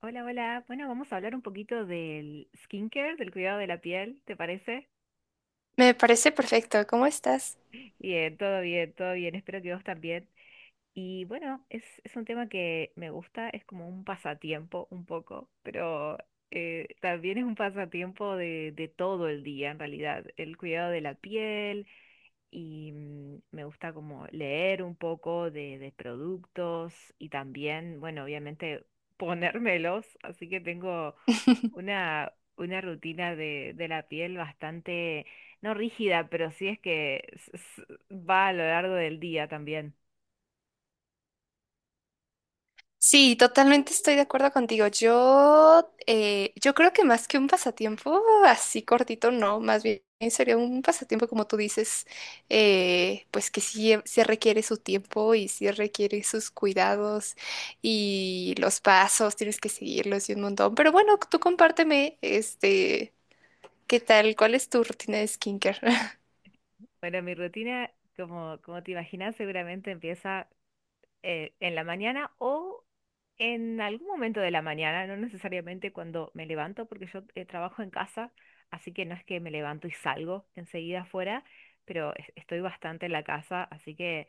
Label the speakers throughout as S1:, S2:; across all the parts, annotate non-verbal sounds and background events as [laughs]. S1: Hola, hola. Bueno, vamos a hablar un poquito del skincare, del cuidado de la piel, ¿te parece?
S2: Me parece perfecto. ¿Cómo estás?
S1: Bien, todo bien, todo bien. Espero que vos también. Y bueno, es un tema que me gusta, es como un pasatiempo un poco, pero también es un pasatiempo de todo el día en realidad. El cuidado de la piel, y me gusta como leer un poco de productos y también, bueno, obviamente [laughs] ponérmelos, así que tengo una rutina de la piel bastante, no rígida, pero sí es que va a lo largo del día también.
S2: Sí, totalmente estoy de acuerdo contigo. Yo creo que más que un pasatiempo así cortito, no, más bien sería un pasatiempo como tú dices, pues que sí, sí requiere su tiempo y sí requiere sus cuidados y los pasos, tienes que seguirlos y un montón. Pero bueno, tú compárteme, este, ¿qué tal? ¿Cuál es tu rutina de skincare?
S1: Bueno, mi rutina, como te imaginas, seguramente empieza en la mañana o en algún momento de la mañana, no necesariamente cuando me levanto, porque yo trabajo en casa, así que no es que me levanto y salgo enseguida afuera, pero estoy bastante en la casa, así que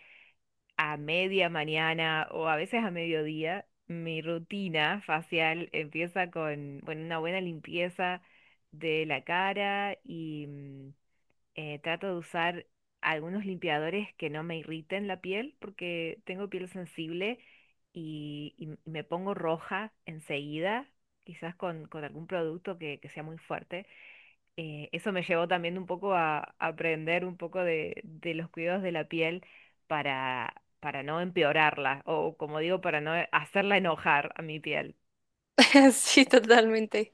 S1: a media mañana o a veces a mediodía, mi rutina facial empieza con, bueno, una buena limpieza de la cara. Trato de usar algunos limpiadores que no me irriten la piel porque tengo piel sensible y, y me pongo roja enseguida, quizás con algún producto que sea muy fuerte. Eso me llevó también un poco a aprender un poco de los cuidados de la piel para no empeorarla o, como digo, para no hacerla enojar a mi piel.
S2: [laughs] Sí, totalmente.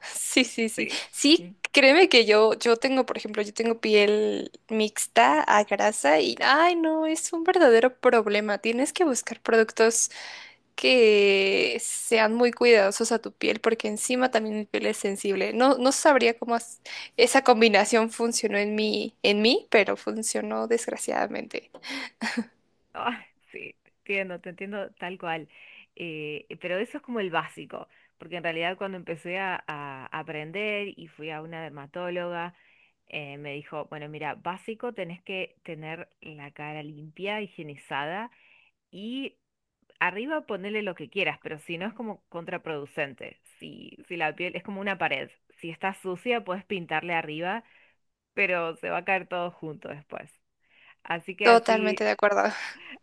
S2: Sí, sí, sí.
S1: Sí.
S2: Sí, créeme que yo tengo, por ejemplo, yo tengo piel mixta a grasa y, ay, no, es un verdadero problema. Tienes que buscar productos que sean muy cuidadosos a tu piel porque encima también mi piel es sensible. No, no sabría cómo as- esa combinación funcionó en mí, pero funcionó desgraciadamente.
S1: Ah, sí, te entiendo tal cual. Pero eso es como el básico, porque en realidad cuando empecé a aprender y fui a una dermatóloga, me dijo, bueno, mira, básico tenés que tener la cara limpia, higienizada y arriba ponerle lo que quieras, pero si no es como contraproducente. Si, si la piel es como una pared, si está sucia puedes pintarle arriba, pero se va a caer todo junto después. Así que
S2: Totalmente
S1: así,
S2: de acuerdo.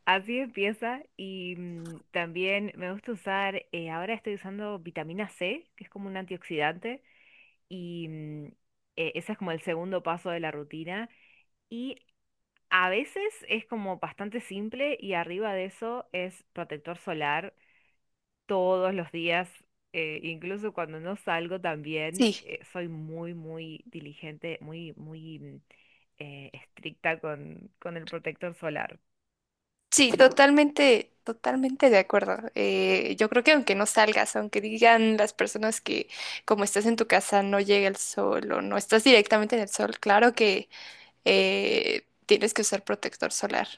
S1: así empieza y también me gusta usar, ahora estoy usando vitamina C, que es como un antioxidante, y ese es como el segundo paso de la rutina. Y a veces es como bastante simple y arriba de eso es protector solar todos los días, incluso cuando no salgo también,
S2: Sí.
S1: soy muy, muy diligente, muy, muy, estricta con el protector solar.
S2: Sí, totalmente, totalmente de acuerdo. Yo creo que aunque no salgas, aunque digan las personas que como estás en tu casa no llega el sol o no estás directamente en el sol, claro que tienes que usar protector solar.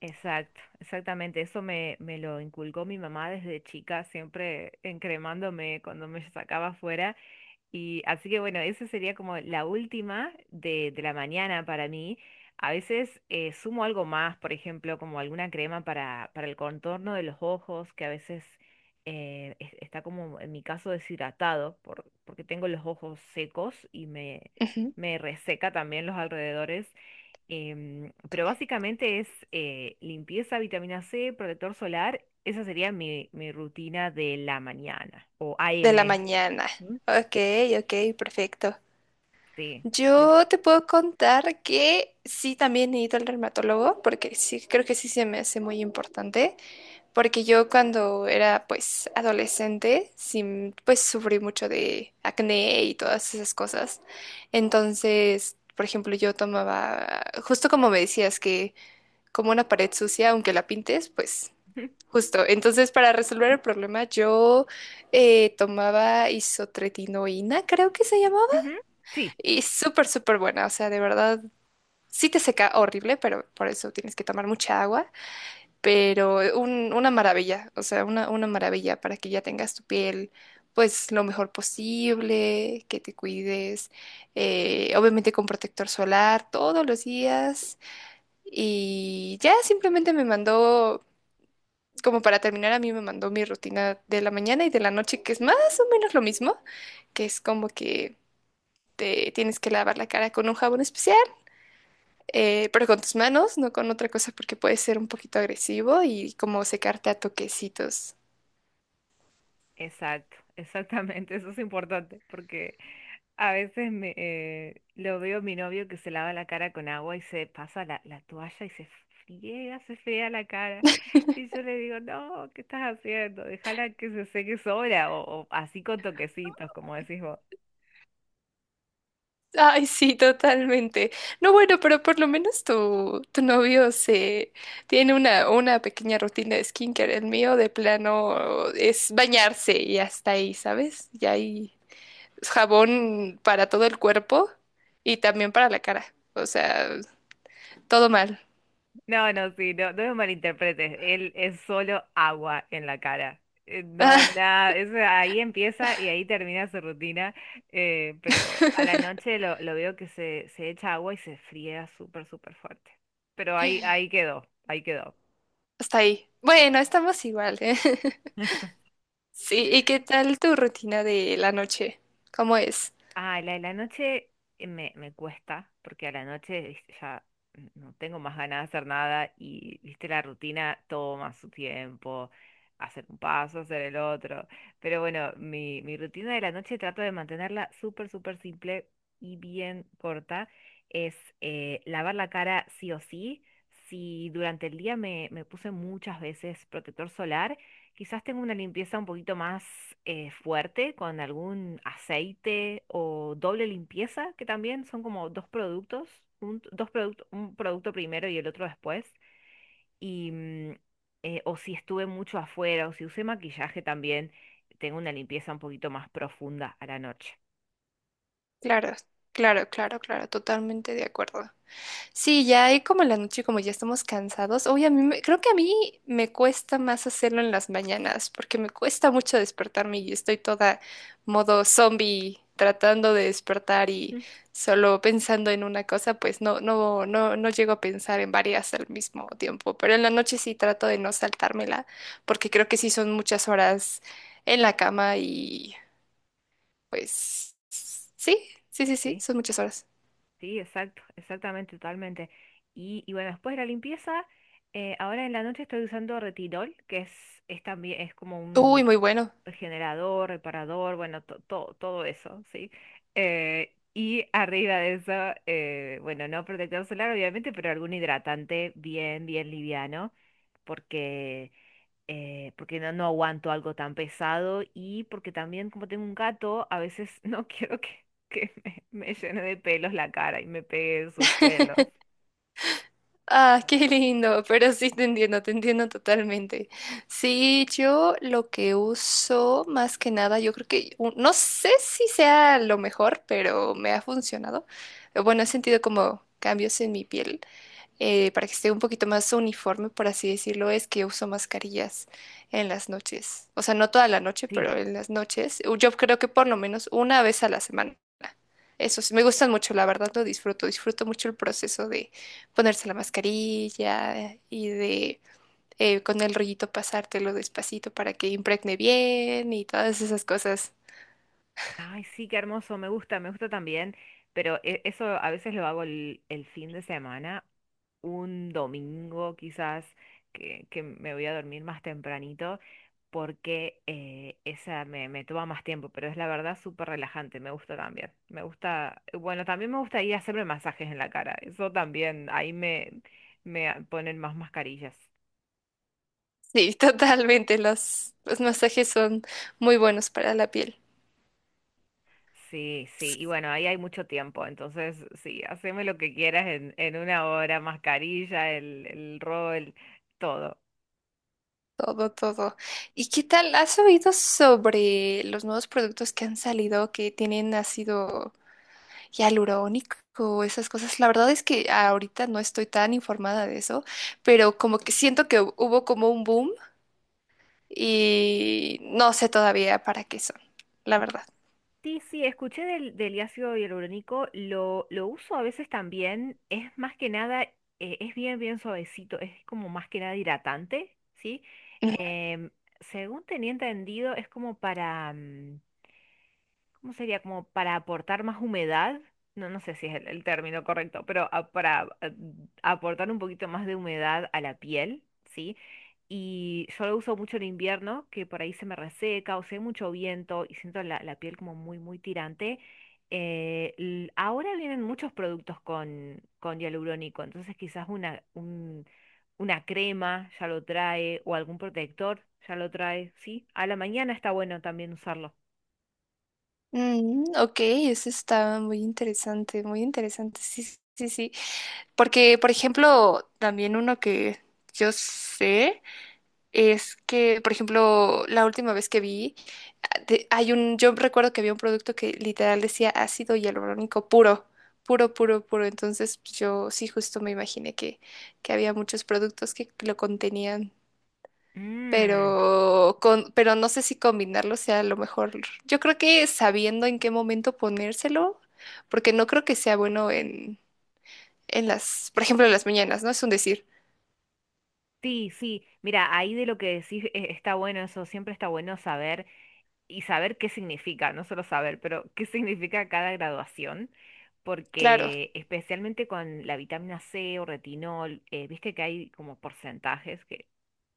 S1: Exacto, exactamente. Eso me, me lo inculcó mi mamá desde chica, siempre encremándome cuando me sacaba afuera. Y así que bueno, esa sería como la última de la mañana para mí. A veces sumo algo más, por ejemplo, como alguna crema para el contorno de los ojos, que a veces está como en mi caso deshidratado, porque tengo los ojos secos y me,
S2: Ujú.
S1: me reseca también los alrededores. Pero básicamente es limpieza, vitamina C, protector solar. Esa sería mi, mi rutina de la mañana o
S2: De la
S1: AM.
S2: mañana.
S1: Ujú.
S2: Ok, ok, perfecto.
S1: Sí. Sí.
S2: Yo te puedo contar que sí, también he ido al dermatólogo porque sí, creo que sí se me hace muy importante. Porque yo cuando era pues adolescente, sí, pues sufrí mucho de acné y todas esas cosas. Entonces, por ejemplo, yo tomaba, justo como me decías, que como una pared sucia, aunque la pintes, pues
S1: Ujú,
S2: justo. Entonces, para resolver el problema, yo tomaba isotretinoína, creo que se llamaba,
S1: ujú. Sí,
S2: y súper, súper buena. O sea, de verdad, sí te seca horrible, pero por eso tienes que tomar mucha agua pero un- una maravilla, o sea, una maravilla para que ya tengas tu piel pues lo mejor posible, que te cuides, obviamente con protector solar todos los días y ya simplemente me mandó, como para terminar, a mí me mandó mi rutina de la mañana y de la noche, que es más o menos lo mismo, que es como que... Te tienes que lavar la cara con un jabón especial, pero con tus manos, no con otra cosa porque puede ser un poquito agresivo y como secarte a toquecitos.
S1: exacto, [laughs] exactamente. Eso es importante porque a veces me, lo veo a mi novio que se lava la cara con agua y se pasa la, la toalla y se friega la cara. Y yo le digo, no, ¿qué estás haciendo? Déjala que se seque sola o así con toquecitos, como decís.
S2: Ay, sí, totalmente. No, bueno, pero por lo menos tu novio se tiene una pequeña rutina de skincare. El mío de plano es bañarse y hasta ahí, ¿sabes? Y hay jabón para todo el cuerpo y también para la cara. O sea, todo mal.
S1: No, no, sí, no, no me malinterpretes. Él es solo agua en la cara. No,
S2: Ah,
S1: nada, eso ahí empieza y ahí termina su rutina. Pero a la
S2: [laughs]
S1: noche lo veo que se echa agua y se fría súper, súper fuerte. Pero ahí, ahí quedó, ahí quedó.
S2: hasta ahí. Bueno, estamos igual, ¿eh? [laughs] Sí, ¿y qué tal tu rutina de la noche? ¿Cómo es?
S1: Ah, la de la noche me, me cuesta, porque a la noche viste, ya no tengo más ganas de hacer nada y, viste, la rutina toma su tiempo, hacer un paso, hacer el otro. Pero bueno, mi rutina de la noche trato de mantenerla súper, súper simple y bien corta. Es lavar la cara sí o sí. Si durante el día me, me puse muchas veces protector solar, quizás tengo una limpieza un poquito más fuerte con algún aceite o doble limpieza, que también son como dos productos, un producto primero y el otro después. Y, o si estuve mucho afuera o si usé maquillaje también, tengo una limpieza un poquito más profunda a la noche.
S2: Claro, claro, claro, claro, totalmente de acuerdo. Sí, ya ahí como en la noche, como ya estamos cansados. Oye, a mí me- creo que a mí me cuesta más hacerlo en las mañanas, porque me cuesta mucho despertarme y estoy toda modo zombie tratando de despertar y
S1: Mm.
S2: solo pensando en una cosa, pues no, no, no, no llego a pensar en varias al mismo tiempo. Pero en la noche sí trato de no saltármela, porque creo que sí son muchas horas en la cama y pues sí, sí, sí, sí,
S1: Sí,
S2: son muchas horas.
S1: sí, exacto, exactamente, totalmente. Y bueno, después de la limpieza, ahora en la noche estoy usando retinol, que es también es como
S2: Uy,
S1: un
S2: muy bueno.
S1: generador, reparador, bueno, todo eso, ¿sí? Y arriba de eso, bueno, no protector solar, obviamente, pero algún hidratante bien, bien liviano, porque, porque no, no aguanto algo tan pesado y porque también, como tengo un gato, a veces [laughs] no quiero que me llene de pelos la cara y me pegue sus pelos.
S2: [laughs] Ah, [laughs] qué lindo, pero sí te entiendo totalmente. Sí, yo lo que uso más que nada, yo creo que, u- no sé si sea lo mejor, pero me ha funcionado. Bueno, he sentido como cambios en mi piel, para que esté un poquito más uniforme, por así decirlo, es que uso mascarillas en las noches. O sea, no toda la noche,
S1: Sí,
S2: pero en las noches. U- Yo creo que por lo menos una vez a la semana. Eso sí, me gustan mucho, la verdad lo disfruto. Disfruto mucho el proceso de ponerse la mascarilla y de con el rollito pasártelo despacito para que impregne bien y todas esas cosas.
S1: ay, sí, qué hermoso, me gusta también. Pero eso a veces lo hago el fin de semana, un domingo quizás que me voy a dormir más tempranito porque esa me, me toma más tiempo, pero es la verdad súper relajante, me gusta también. Me gusta, bueno, también me gusta ir a hacerme masajes en la cara, eso también, ahí me, ponen más mascarillas.
S2: Sí, [laughs] totalmente. Los masajes son muy buenos para la piel.
S1: Sí, sí, y bueno, ahí hay mucho tiempo, entonces sí, haceme lo que quieras en una hora, mascarilla, el rol, todo.
S2: Todo, todo. ¿Y qué tal? ¿Has oído sobre los nuevos productos que han salido que tienen ácido? Hialurónico, esas cosas. La verdad es que ahorita no estoy tan informada de eso, pero como que siento que hu- hubo como un boom y no sé todavía para qué son, la verdad.
S1: Sí, sí, escuché del, del ácido hialurónico, lo uso a veces también, es más que nada, es bien, bien suavecito, es como más que nada hidratante, ¿sí?
S2: Ujú.
S1: Em, Según tenía entendido, es como para, ¿cómo sería? Como para aportar más humedad. No, no sé si es el término correcto, pero para aportar un poquito más de humedad a la piel, ¿sí? Y yo lo uso mucho en invierno, que por ahí se me reseca o si hay mucho viento y siento la, la piel como muy, muy tirante. Ahora vienen muchos productos con hialurónico, entonces quizás una, una crema ya lo trae o algún protector ya lo trae, ¿sí? A la mañana está bueno también usarlo.
S2: Mm, ok, eso está muy interesante, muy interesante. Sí, sí, sí. Porque, por ejemplo, también uno que yo sé. Es que, por ejemplo, la última vez que vi, ah, de- hay un, yo recuerdo que había un producto que literal decía ácido hialurónico puro, puro, puro, puro. Entonces, pues, yo sí justo me imaginé que había muchos productos que lo contenían,
S1: Mm.
S2: pero con, pero no sé si combinarlo sea lo mejor. Yo creo que sabiendo en qué momento ponérselo, porque no creo que sea bueno en las, por ejemplo, en las mañanas, ¿no? Es un decir,
S1: Sí, sí, mira, ahí de lo que decís está bueno eso, siempre está bueno saber y saber qué significa, no solo saber, pero qué significa cada graduación,
S2: claro,
S1: porque especialmente con la vitamina C o retinol, viste que hay como porcentajes que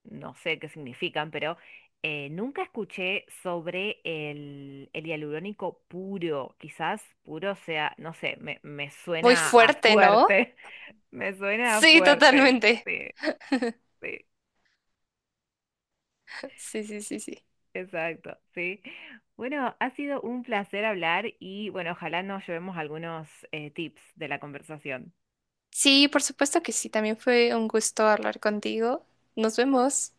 S1: no sé qué significan, pero nunca escuché sobre el hialurónico puro, quizás puro sea, no sé, me
S2: muy
S1: suena a
S2: fuerte, ¿no?
S1: fuerte, [laughs] me suena a
S2: Sí,
S1: fuerte,
S2: totalmente.
S1: sí, sí.
S2: Sí, sí, sí, sí.
S1: Exacto, sí. Bueno, ha sido un placer hablar y bueno, ojalá nos llevemos algunos tips de la conversación.
S2: Sí, por supuesto que sí. También fue un gusto hablar contigo. Nos vemos.